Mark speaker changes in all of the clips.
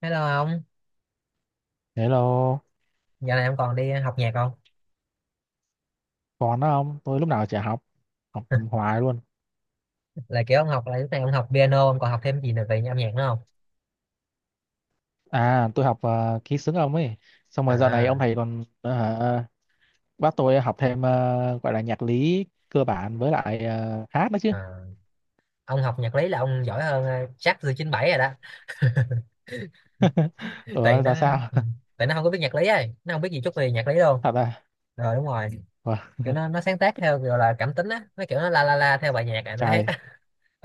Speaker 1: Hello ông,
Speaker 2: Hello,
Speaker 1: giờ này ông còn đi học nhạc không?
Speaker 2: còn đó không? Tôi lúc nào chả học, học hoài luôn.
Speaker 1: Là kiểu ông học là lúc này ông học piano, ông còn học thêm gì nữa về âm nhạc nữa không?
Speaker 2: À, tôi học ký xướng ông ấy. Xong rồi giờ này
Speaker 1: À,
Speaker 2: ông thầy còn hả, bắt tôi học thêm gọi là nhạc lý cơ bản, với lại hát nữa chứ.
Speaker 1: à, ông học nhạc lý là ông giỏi hơn chắc từ 97 rồi đó. Tại
Speaker 2: Ủa,
Speaker 1: nó
Speaker 2: ra sao?
Speaker 1: Ừ, tại nó không có biết nhạc lý ấy, nó không biết gì chút về nhạc lý luôn.
Speaker 2: Thật à?
Speaker 1: Rồi đúng rồi,
Speaker 2: Ủa,
Speaker 1: kiểu nó sáng tác theo gọi là cảm tính á, nó kiểu nó la la la theo bài nhạc à nó hát
Speaker 2: trời,
Speaker 1: á.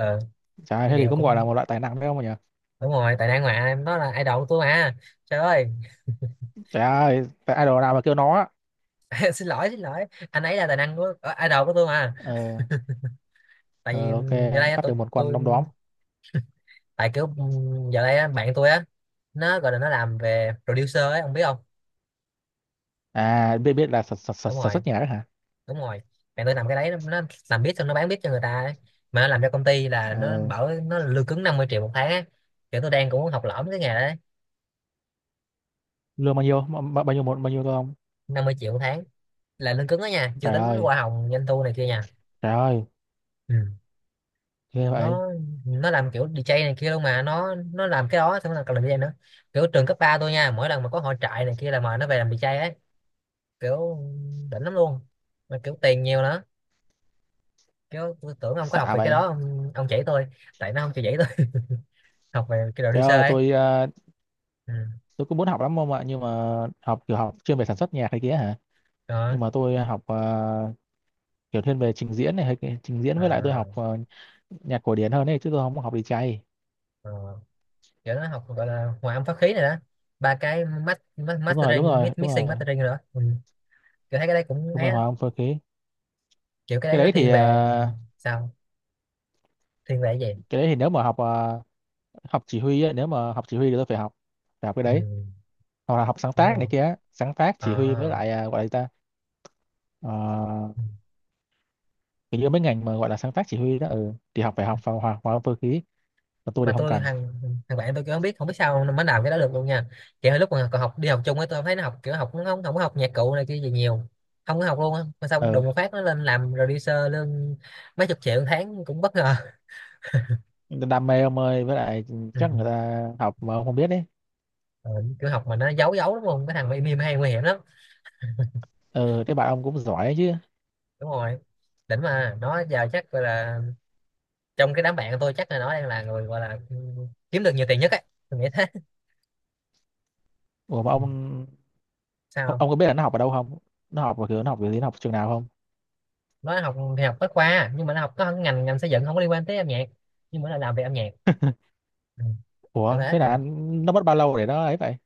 Speaker 1: Ờ,
Speaker 2: trời,
Speaker 1: cái
Speaker 2: thế thì
Speaker 1: chuyện
Speaker 2: cũng gọi là
Speaker 1: cũng
Speaker 2: một loại tài năng đấy không nhỉ?
Speaker 1: đúng rồi, tài năng mà em nói là idol của tôi mà. Trời ơi,
Speaker 2: Trời ơi, tại idol nào mà kêu nó á.
Speaker 1: xin lỗi, anh ấy là tài năng của idol của tôi mà.
Speaker 2: Ờ,
Speaker 1: Tại vì
Speaker 2: ờ,
Speaker 1: ừ,
Speaker 2: ok,
Speaker 1: giờ đây
Speaker 2: bắt
Speaker 1: tôi
Speaker 2: được một con
Speaker 1: tôi
Speaker 2: đom đóm.
Speaker 1: tại kiểu giờ đây á, bạn tôi á, nó gọi là nó làm về producer ấy ông biết không?
Speaker 2: À, biết biết là
Speaker 1: Đúng
Speaker 2: sản
Speaker 1: rồi,
Speaker 2: xuất nhạc đấy hả?
Speaker 1: đúng rồi, bạn tôi làm cái đấy, nó làm beat xong nó bán beat cho người ta ấy. Mà nó làm cho công ty là nó
Speaker 2: Ờ,
Speaker 1: bảo nó là lương cứng 50 triệu một tháng á, kiểu tôi đang cũng muốn học lỏm cái nghề đấy.
Speaker 2: lương bao nhiêu? Bao bao nhiêu một bao nhiêu thôi không?
Speaker 1: Năm mươi triệu một tháng là lương cứng đó nha, chưa
Speaker 2: Trời
Speaker 1: tính
Speaker 2: ơi,
Speaker 1: hoa hồng doanh thu này kia nha.
Speaker 2: trời ơi.
Speaker 1: Ừ,
Speaker 2: Ghê vậy,
Speaker 1: nó nó làm kiểu DJ này kia luôn mà nó làm cái đó xong nó còn làm DJ nữa, kiểu trường cấp 3 tôi nha, mỗi lần mà có hội trại này kia là mời nó về làm DJ ấy, kiểu đỉnh lắm luôn, mà kiểu tiền nhiều nữa. Kiểu tôi tưởng ông có học
Speaker 2: xạ
Speaker 1: về cái
Speaker 2: vậy.
Speaker 1: đó ông chỉ tôi, tại nó không chịu dạy tôi. Học về cái đồ
Speaker 2: Trời
Speaker 1: sơ
Speaker 2: ơi,
Speaker 1: ấy. Ừ.
Speaker 2: tôi cũng muốn học lắm ông ạ, nhưng mà học kiểu học chuyên về sản xuất nhạc này kia hả?
Speaker 1: Đó.
Speaker 2: Nhưng mà tôi học kiểu thiên về trình diễn này hay trình diễn, với lại tôi học
Speaker 1: à,
Speaker 2: nhạc cổ điển hơn ấy chứ, tôi không có học đi chay.
Speaker 1: à, kiểu nó học gọi là hòa âm pháp khí này đó, ba cái
Speaker 2: Đúng rồi, đúng
Speaker 1: mastering,
Speaker 2: rồi, đúng
Speaker 1: mixing
Speaker 2: rồi,
Speaker 1: mastering rồi đó, ừ. Kiểu thấy cái đấy cũng
Speaker 2: đúng
Speaker 1: ấy
Speaker 2: rồi,
Speaker 1: á.
Speaker 2: hòa âm phối khí.
Speaker 1: Kiểu cái
Speaker 2: cái
Speaker 1: đấy nó
Speaker 2: đấy thì
Speaker 1: thiên về,
Speaker 2: ờ,
Speaker 1: sao, thiên về cái gì?
Speaker 2: cái đấy thì nếu mà học học chỉ huy ấy. Nếu mà học chỉ huy thì tôi phải học, phải học cái
Speaker 1: Ừ.
Speaker 2: đấy. Hoặc là học sáng
Speaker 1: Đúng
Speaker 2: tác này
Speaker 1: rồi.
Speaker 2: kia, sáng tác
Speaker 1: À,
Speaker 2: chỉ huy, với lại gọi là gì ta? Ờ,
Speaker 1: ừ.
Speaker 2: hình như mấy ngành mà gọi là sáng tác chỉ huy đó, ừ, thì học phải học vào hòa hòa âm phối khí, còn tôi thì
Speaker 1: Mà
Speaker 2: không
Speaker 1: tôi
Speaker 2: cần.
Speaker 1: thằng thằng bạn tôi kiểu không biết sao nó mới làm cái đó được luôn nha. Kiểu lúc mà còn học đi học chung ấy, tôi không thấy nó học, kiểu học nó không không có học nhạc cụ này kia gì nhiều, không có học luôn á, mà xong đùng
Speaker 2: Ừ,
Speaker 1: một phát nó lên làm producer lương mấy chục triệu một tháng cũng bất ngờ.
Speaker 2: đam mê ông ơi, với lại
Speaker 1: Ừ.
Speaker 2: chắc người ta học mà ông không biết đấy.
Speaker 1: Ờ, kiểu học mà nó giấu giấu đúng không, cái thằng mà im im hay nguy hiểm lắm.
Speaker 2: Ừ, thế bạn ông cũng giỏi chứ.
Speaker 1: Đúng rồi, đỉnh mà. Nó giờ chắc gọi là, trong cái đám bạn của tôi chắc là nó đang là người gọi là ừ, kiếm được nhiều tiền nhất ấy, tôi nghĩ thế.
Speaker 2: Ủa, mà
Speaker 1: Ừ.
Speaker 2: ông ông
Speaker 1: Sao không?
Speaker 2: ông có biết là nó học ở đâu không? Nó học ở cửa, nó học cái gì, nó học trường nào không?
Speaker 1: Nó học thì học bách khoa nhưng mà nó học có ngành ngành xây dựng, không có liên quan tới âm nhạc, nhưng mà nó làm về âm nhạc. Ừ, kiểu
Speaker 2: Ủa
Speaker 1: thế
Speaker 2: thế là
Speaker 1: mà
Speaker 2: nó mất bao lâu để nó ấy vậy?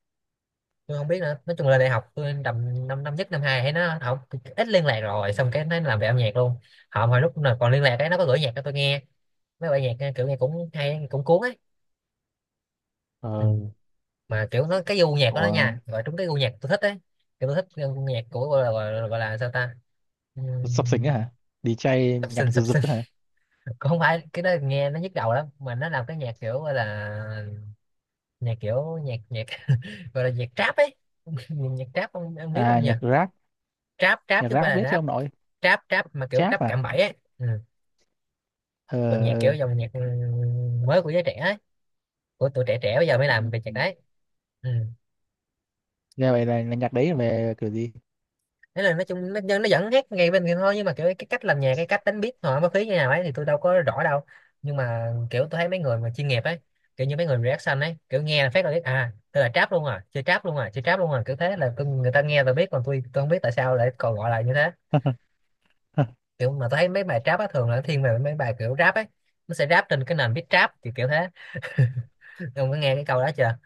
Speaker 1: tôi không biết nữa, nói chung là đại học tôi tầm năm, năm nhất năm hai thấy nó học, ít liên lạc rồi xong cái nó làm về âm nhạc luôn. Họ hồi lúc nào còn liên lạc ấy nó có gửi nhạc cho tôi nghe, mấy bài nhạc kiểu nghe cũng hay cũng cuốn ấy. Ừ.
Speaker 2: Ờ,
Speaker 1: Mà kiểu nó, cái gu nhạc của nó nha,
Speaker 2: của.
Speaker 1: gọi trúng cái gu nhạc tôi thích ấy. Kiểu tôi thích cái gu nhạc của gọi là sao ta?
Speaker 2: Sập sình á hả?
Speaker 1: Ừm,
Speaker 2: Đi DJ
Speaker 1: sập
Speaker 2: nhạc
Speaker 1: sình
Speaker 2: rực
Speaker 1: sập sình.
Speaker 2: rực á hả?
Speaker 1: Cũng không phải cái đó nghe nó nhức đầu lắm, mà nó làm cái nhạc kiểu gọi là, nhạc kiểu nhạc nhạc gọi là nhạc trap ấy. Nhạc trap ông biết không
Speaker 2: À,
Speaker 1: nhỉ?
Speaker 2: nhạc rap.
Speaker 1: Trap trap
Speaker 2: Nhạc
Speaker 1: chứ không phải
Speaker 2: rap
Speaker 1: là
Speaker 2: biết chứ
Speaker 1: rap.
Speaker 2: ông nội.
Speaker 1: Trap trap, mà kiểu
Speaker 2: Chát
Speaker 1: trap
Speaker 2: à?
Speaker 1: cạm bẫy ấy, ừ.
Speaker 2: Ờ,
Speaker 1: Dòng nhạc kiểu
Speaker 2: ờ.
Speaker 1: dòng nhạc ừ, mới của giới trẻ ấy. Của tụi trẻ trẻ bây giờ mới làm về nhạc
Speaker 2: Ừ.
Speaker 1: đấy. Ừ.
Speaker 2: Nghe vậy là, nhạc đấy về kiểu gì?
Speaker 1: Thế là nói chung nó vẫn hát ngay bên kia thôi nhưng mà kiểu cái cách làm nhạc, cái cách đánh beat họ mới phí như nào ấy thì tôi đâu có rõ đâu. Nhưng mà kiểu tôi thấy mấy người mà chuyên nghiệp ấy, kiểu như mấy người reaction ấy, kiểu nghe là phát là biết à, tôi là trap luôn à, chơi trap luôn à, chơi trap luôn à, kiểu thế, là tôi, người ta nghe là biết còn tôi không biết tại sao lại còn gọi là như thế. Kiểu mà tôi thấy mấy bài trap á thường là nó thiên về mấy bài kiểu rap ấy, nó sẽ rap trên cái nền beat trap kiểu kiểu thế. Ông có nghe cái câu đó chưa?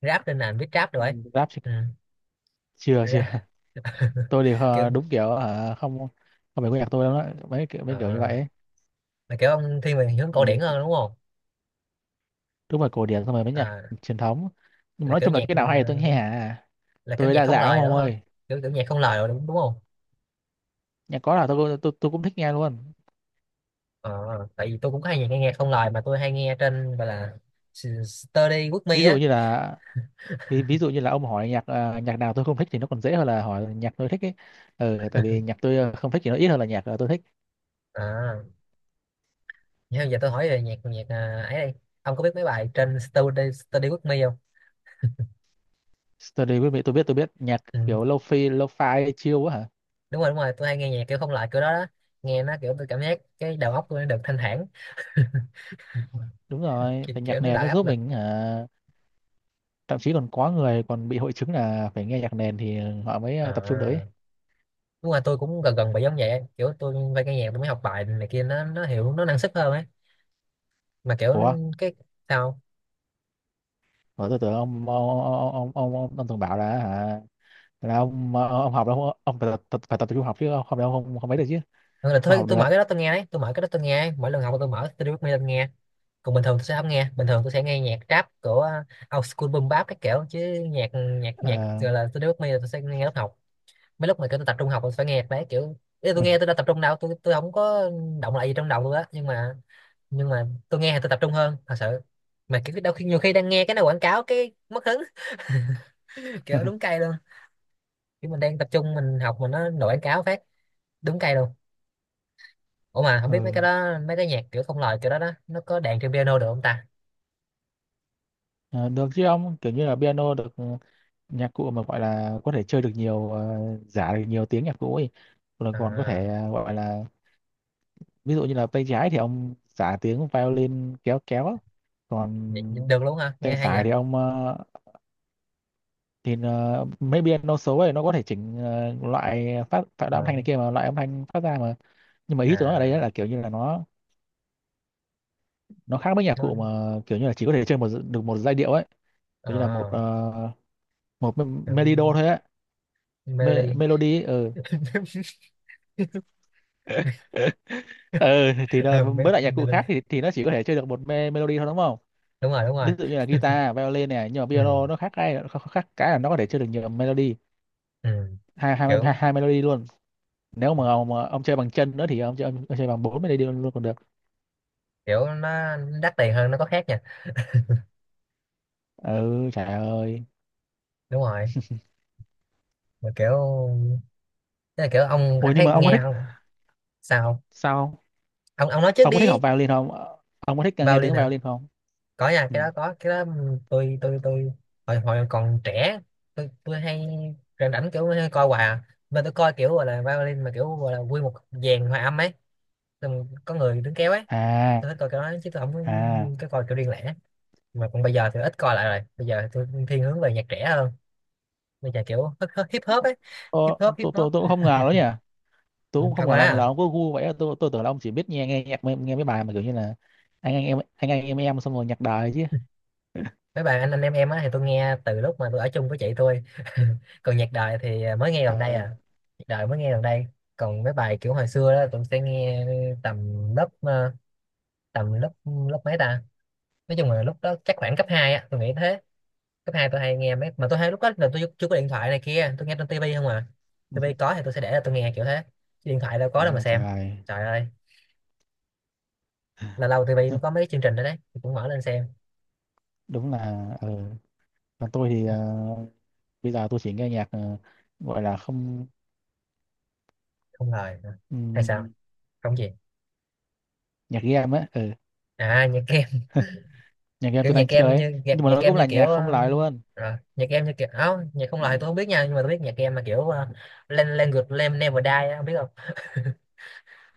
Speaker 1: Rap trên nền viết rap
Speaker 2: Ừ,
Speaker 1: rồi ấy.
Speaker 2: rap Chưa,
Speaker 1: Ừ.
Speaker 2: chưa, chưa.
Speaker 1: ra-
Speaker 2: Tôi thì
Speaker 1: Kiểu
Speaker 2: đúng kiểu không, không phải nghe nhạc tôi đâu đó mấy kiểu,
Speaker 1: ờ,
Speaker 2: mấy kiểu như vậy ấy.
Speaker 1: là kiểu ông thiên về hướng cổ điển
Speaker 2: Ừ,
Speaker 1: hơn đúng không?
Speaker 2: đúng là cổ điển, xong rồi mấy nhạc
Speaker 1: À,
Speaker 2: truyền thống, nhưng mà
Speaker 1: là
Speaker 2: nói
Speaker 1: kiểu
Speaker 2: chung là
Speaker 1: nhạc
Speaker 2: cái nào hay thì tôi nghe à.
Speaker 1: là kiểu
Speaker 2: Tôi
Speaker 1: nhạc
Speaker 2: đa
Speaker 1: không
Speaker 2: dạng lắm
Speaker 1: lời nữa
Speaker 2: ông
Speaker 1: hả?
Speaker 2: ơi,
Speaker 1: Kiểu Kiểu nhạc không lời rồi đúng, đúng không?
Speaker 2: nhạc có là tôi cũng thích nghe luôn.
Speaker 1: Ờ, ờ, tại vì tôi cũng có hay nghe, nghe không lời, mà tôi hay nghe trên gọi là Study with me
Speaker 2: Ví dụ
Speaker 1: á.
Speaker 2: như là ví dụ như là ông hỏi nhạc nhạc nào tôi không thích thì nó còn dễ hơn là hỏi nhạc tôi thích ấy. Ừ, tại vì nhạc tôi không thích thì nó ít hơn là nhạc tôi thích.
Speaker 1: À, nhưng giờ tôi hỏi về nhạc nhạc à, ấy đây, ông có biết mấy bài trên Study Study with me không?
Speaker 2: Tôi đi biết, tôi biết, tôi biết nhạc
Speaker 1: Ừ.
Speaker 2: kiểu lo-fi, lo-fi chill á hả?
Speaker 1: Đúng rồi đúng rồi, tôi hay nghe nhạc kiểu không lời kiểu đó đó, nghe nó kiểu tôi cảm giác cái đầu óc tôi nó được thanh thản,
Speaker 2: Đúng rồi,
Speaker 1: kiểu,
Speaker 2: tại
Speaker 1: kiểu
Speaker 2: nhạc
Speaker 1: nó đỡ
Speaker 2: nền nó
Speaker 1: áp
Speaker 2: giúp
Speaker 1: lực.
Speaker 2: mình hả. Thậm chí còn có người còn bị hội chứng là phải nghe nhạc nền thì họ mới tập trung được ấy.
Speaker 1: À đúng rồi, tôi cũng gần gần bị giống vậy ấy. Kiểu tôi phải nghe nhạc tôi mới học bài này kia, nó hiểu nó năng suất hơn ấy, mà kiểu
Speaker 2: Ủa,
Speaker 1: cái, sao?
Speaker 2: ủa, tôi tưởng ông, ông thường bảo là hả, là ông ông học đâu ông phải phải tập trung học chứ không đâu, không không ấy được chứ.
Speaker 1: Thật là
Speaker 2: Không
Speaker 1: thôi
Speaker 2: học
Speaker 1: tôi
Speaker 2: được.
Speaker 1: mở cái đó tôi nghe đấy, tôi mở cái đó tôi nghe ấy. Mỗi lần học tôi mở tôi me lên nghe, còn bình thường tôi sẽ không nghe, bình thường tôi sẽ nghe nhạc rap của old school boom bap các kiểu chứ. Nhạc nhạc nhạc
Speaker 2: Ờ.
Speaker 1: Gọi là tôi đưa me là tôi sẽ nghe lớp học, mấy lúc mà kiểu tôi tập trung học tôi phải nghe nhạc đấy, kiểu ý là tôi nghe tôi đã tập trung đâu, tôi không có động lại gì trong đầu tôi á, nhưng mà tôi nghe thì tôi tập trung hơn thật sự. Mà kiểu đôi khi nhiều khi đang nghe cái nào quảng cáo cái mất hứng, kiểu đúng cây luôn, kiểu mình đang tập trung mình học mà nó nổi quảng cáo phát, đúng cây luôn. Ủa mà không biết mấy
Speaker 2: Ừ.
Speaker 1: cái đó, mấy cái nhạc kiểu không lời kiểu đó đó nó có đàn trên piano được không ta?
Speaker 2: Ờ, được chứ ông, kiểu như là piano được, ừ, nhạc cụ mà gọi là có thể chơi được nhiều giả được nhiều tiếng nhạc cụ ấy, rồi còn có
Speaker 1: À,
Speaker 2: thể gọi là ví dụ như là tay trái thì ông giả tiếng violin kéo kéo,
Speaker 1: vậy
Speaker 2: còn
Speaker 1: được luôn hả,
Speaker 2: tay
Speaker 1: nghe hay vậy.
Speaker 2: phải thì ông thì maybe nó số ấy, nó có thể chỉnh loại phát tạo
Speaker 1: Ờ,
Speaker 2: ra âm thanh này kia, mà loại âm thanh phát ra mà. Nhưng mà ý tôi nói ở đây
Speaker 1: à
Speaker 2: là kiểu như là nó khác với nhạc cụ
Speaker 1: nó
Speaker 2: mà kiểu như là chỉ có thể chơi một được một giai điệu ấy. Kiểu như là một
Speaker 1: ờ,
Speaker 2: một
Speaker 1: kiểu
Speaker 2: melody thôi á.
Speaker 1: melody.
Speaker 2: Melody ấy, ừ. Ừ thì nó,
Speaker 1: Ờ,
Speaker 2: với lại nhạc cụ khác
Speaker 1: melody
Speaker 2: thì nó chỉ có thể chơi được một melody thôi đúng không?
Speaker 1: đúng rồi đúng rồi.
Speaker 2: Ví dụ như là guitar violin này, nhưng mà
Speaker 1: Ừ,
Speaker 2: piano nó khác, khác cái là nó có thể chơi được nhiều melody.
Speaker 1: ừ. kiểu
Speaker 2: Hai melody luôn. Nếu mà ông chơi bằng chân nữa thì ông chơi bằng bốn melody luôn luôn còn được.
Speaker 1: Kiểu nó đắt tiền hơn nó có khác nha.
Speaker 2: Ừ, trời ơi.
Speaker 1: Đúng rồi. Mà kiểu tức là kiểu ông có
Speaker 2: Ủa nhưng
Speaker 1: thấy
Speaker 2: mà ông có
Speaker 1: nghe
Speaker 2: thích
Speaker 1: không? Sao
Speaker 2: sao không?
Speaker 1: không? Ông ông nói trước
Speaker 2: Ông có thích
Speaker 1: đi.
Speaker 2: học violin không? Ông có thích
Speaker 1: Vào
Speaker 2: nghe
Speaker 1: liền
Speaker 2: tiếng
Speaker 1: nè.
Speaker 2: violin không?
Speaker 1: Có nha,
Speaker 2: Ừ.
Speaker 1: cái đó có, cái đó tôi hồi hồi còn trẻ tôi hay rảnh rảnh kiểu hay coi hoài à. Mà tôi coi kiểu gọi là violin mà kiểu gọi là quy một dàn hòa âm ấy, xong có người đứng kéo ấy.
Speaker 2: À,
Speaker 1: Tôi thích coi cái đó chứ tôi không có
Speaker 2: à,
Speaker 1: cái coi kiểu riêng lẻ. Mà còn bây giờ tôi ít coi lại rồi, bây giờ tôi thiên hướng về nhạc trẻ hơn, bây giờ kiểu hip hop ấy, hip
Speaker 2: tôi
Speaker 1: hop hip
Speaker 2: tôi
Speaker 1: hop.
Speaker 2: tôi cũng không ngờ đó nhỉ. Tôi
Speaker 1: Ừ,
Speaker 2: cũng không
Speaker 1: thật
Speaker 2: ngờ là
Speaker 1: mà.
Speaker 2: ông có gu vậy, tôi tưởng là ông chỉ biết nghe nghe nhạc, nghe nghe mấy bài mà kiểu như là anh em, xong rồi nhạc đời chứ.
Speaker 1: Mấy bài anh em á thì tôi nghe từ lúc mà tôi ở chung với chị tôi. Còn nhạc đời thì à, mới nghe gần đây
Speaker 2: Ờ.
Speaker 1: à, nhạc đời mới nghe gần đây. Còn mấy bài kiểu hồi xưa đó tôi sẽ nghe tầm lớp ờ, tầm lớp lớp mấy ta? Nói chung là lúc đó chắc khoảng cấp 2 á tôi nghĩ thế. cấp 2 tôi hay nghe mấy mà tôi hay lúc đó là tôi chưa có điện thoại này kia, tôi nghe trên tivi không à, tivi có thì tôi sẽ để là tôi nghe kiểu thế. Chứ điện thoại đâu có đâu mà
Speaker 2: À,
Speaker 1: xem.
Speaker 2: trời.
Speaker 1: Trời ơi, là lâu tivi
Speaker 2: Hừ,
Speaker 1: nó có mấy cái chương trình đó đấy tôi cũng mở lên xem.
Speaker 2: đúng là, ừ. Còn tôi thì bây giờ tôi chỉ nghe nhạc gọi là không,
Speaker 1: Không ngờ hay sao?
Speaker 2: ừm,
Speaker 1: Không gì?
Speaker 2: nhạc game á, ừ.
Speaker 1: À nhạc.
Speaker 2: Nhạc game
Speaker 1: Kiểu
Speaker 2: tôi
Speaker 1: nhạc
Speaker 2: đang chơi
Speaker 1: em
Speaker 2: ấy,
Speaker 1: như nhạc
Speaker 2: nhưng mà
Speaker 1: nhạc
Speaker 2: nó
Speaker 1: em
Speaker 2: cũng
Speaker 1: như
Speaker 2: là nhạc
Speaker 1: kiểu
Speaker 2: không lời luôn.
Speaker 1: rồi nhạc em như kiểu áo nhạc không
Speaker 2: Ừ.
Speaker 1: lời thì tôi không biết nha, nhưng mà tôi biết nhạc em mà kiểu Language Lam Never Die á, không biết không?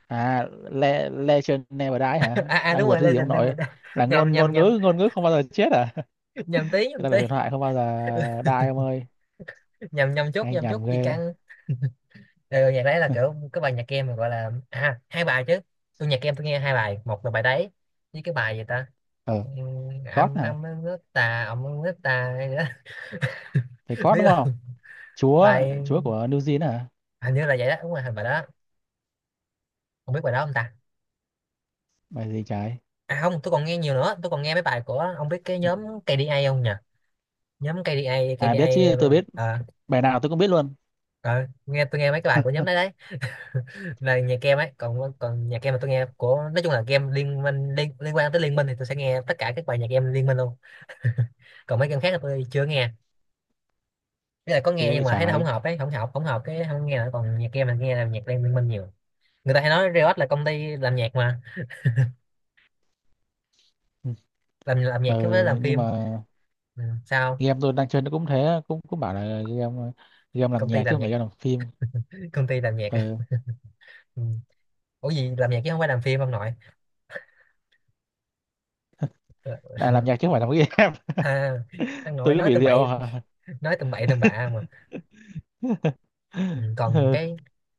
Speaker 2: À, Legend Never Die hả,
Speaker 1: À, à
Speaker 2: đang
Speaker 1: đúng
Speaker 2: quật
Speaker 1: rồi
Speaker 2: cái gì ông
Speaker 1: Legend
Speaker 2: nội?
Speaker 1: Never Die.
Speaker 2: Là
Speaker 1: Nhầm
Speaker 2: ngôn
Speaker 1: nhầm
Speaker 2: ngôn
Speaker 1: nhầm
Speaker 2: ngữ, ngôn ngữ không bao giờ chết à.
Speaker 1: nhầm tí
Speaker 2: Người
Speaker 1: nhầm
Speaker 2: ta
Speaker 1: tí
Speaker 2: là huyền thoại không bao giờ die ông ơi,
Speaker 1: nhầm
Speaker 2: hay
Speaker 1: nhầm chút
Speaker 2: nhầm
Speaker 1: Gì
Speaker 2: ghê.
Speaker 1: căng. Ừ, nhạc đấy là kiểu cái bài nhạc em mà gọi là, à hai bài chứ, tôi nhạc em tôi nghe hai bài, một là bài đấy với cái bài gì ta?
Speaker 2: Ờ,
Speaker 1: Ừ,
Speaker 2: God
Speaker 1: âm
Speaker 2: hả?
Speaker 1: âm nước ta, nước ta hay gì đó.
Speaker 2: Phải God
Speaker 1: Biết
Speaker 2: đúng không?
Speaker 1: không?
Speaker 2: Chúa,
Speaker 1: bài
Speaker 2: chúa của New Zealand hả?
Speaker 1: Hình như là vậy đó, đúng rồi hình bài đó. Không biết bài đó không ta?
Speaker 2: Bài gì trái?
Speaker 1: À không, tôi còn nghe nhiều nữa, tôi còn nghe mấy bài của ông biết cái
Speaker 2: Ừ.
Speaker 1: nhóm KDA không nhỉ? Nhóm KDA,
Speaker 2: À, biết
Speaker 1: KDA.
Speaker 2: chứ, tôi biết.
Speaker 1: À,
Speaker 2: Bài nào tôi cũng biết luôn.
Speaker 1: à, nghe tôi nghe mấy cái bài của nhóm đấy đấy. Là nhạc kem ấy, còn còn nhạc kem mà tôi nghe của nói chung là game liên minh, liên quan tới liên minh thì tôi sẽ nghe tất cả các bài nhạc game liên minh luôn. Còn mấy game khác là tôi chưa nghe. Bây giờ có nghe
Speaker 2: Ghê
Speaker 1: nhưng
Speaker 2: vậy
Speaker 1: mà thấy nó không
Speaker 2: trái.
Speaker 1: hợp ấy, không hợp cái không nghe nữa. Còn nhạc kem là nghe là nhạc game liên minh nhiều. Người ta hay nói Riot là công ty làm nhạc mà,
Speaker 2: Ừ.
Speaker 1: làm nhạc
Speaker 2: Ờ,
Speaker 1: với làm
Speaker 2: nhưng
Speaker 1: phim.
Speaker 2: mà
Speaker 1: Ừ, sao?
Speaker 2: game tôi đang chơi nó cũng thế, cũng cũng bảo là game game làm
Speaker 1: Công ty
Speaker 2: nhạc chứ
Speaker 1: làm
Speaker 2: không
Speaker 1: nhạc,
Speaker 2: phải game làm phim.
Speaker 1: công ty làm nhạc.
Speaker 2: Ờ.
Speaker 1: À? Ừ. Ủa gì làm nhạc chứ không phải làm phim ông nội?
Speaker 2: À, làm nhạc chứ không phải làm game.
Speaker 1: À, ông
Speaker 2: Tôi
Speaker 1: nội
Speaker 2: cứ
Speaker 1: nói
Speaker 2: bị
Speaker 1: tầm
Speaker 2: liệu
Speaker 1: bậy,
Speaker 2: hả.
Speaker 1: nói tầm bậy tầm bạ mà. Ừ, còn
Speaker 2: Ờ,
Speaker 1: cái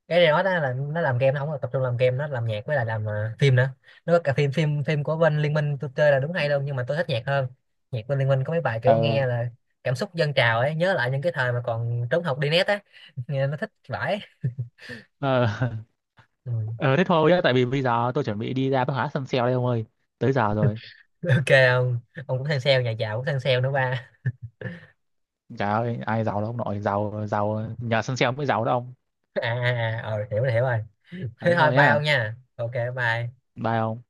Speaker 1: cái này nói đó là nó làm game, nó không có tập trung làm game, nó làm nhạc với lại làm phim nữa. Nó có cả phim phim phim của bên Liên Minh tôi chơi là đúng hay đâu, nhưng mà tôi thích nhạc hơn. Nhạc bên Liên Minh có mấy bài kiểu
Speaker 2: ờ,
Speaker 1: nghe là cảm xúc dâng trào ấy, nhớ lại những cái thời mà còn trốn học đi net á. Nghe nó thích vãi.
Speaker 2: ờ.
Speaker 1: Ừ.
Speaker 2: Ờ, thế thôi nhá, tại vì bây giờ tôi chuẩn bị đi ra bách hóa sân sale đây ông ơi, tới giờ rồi.
Speaker 1: OK ông. Ông cũng sang sale, nhà giàu cũng sang sale nữa ba.
Speaker 2: Trời ơi, ai giàu đâu ông nội, giàu giàu nhờ sân sale mới giàu đó ông.
Speaker 1: À, à, à, ờ hiểu rồi hiểu rồi. Thế
Speaker 2: Thế
Speaker 1: thôi
Speaker 2: thôi
Speaker 1: bye
Speaker 2: nhá.
Speaker 1: ông nha, OK bye.
Speaker 2: Bye ông.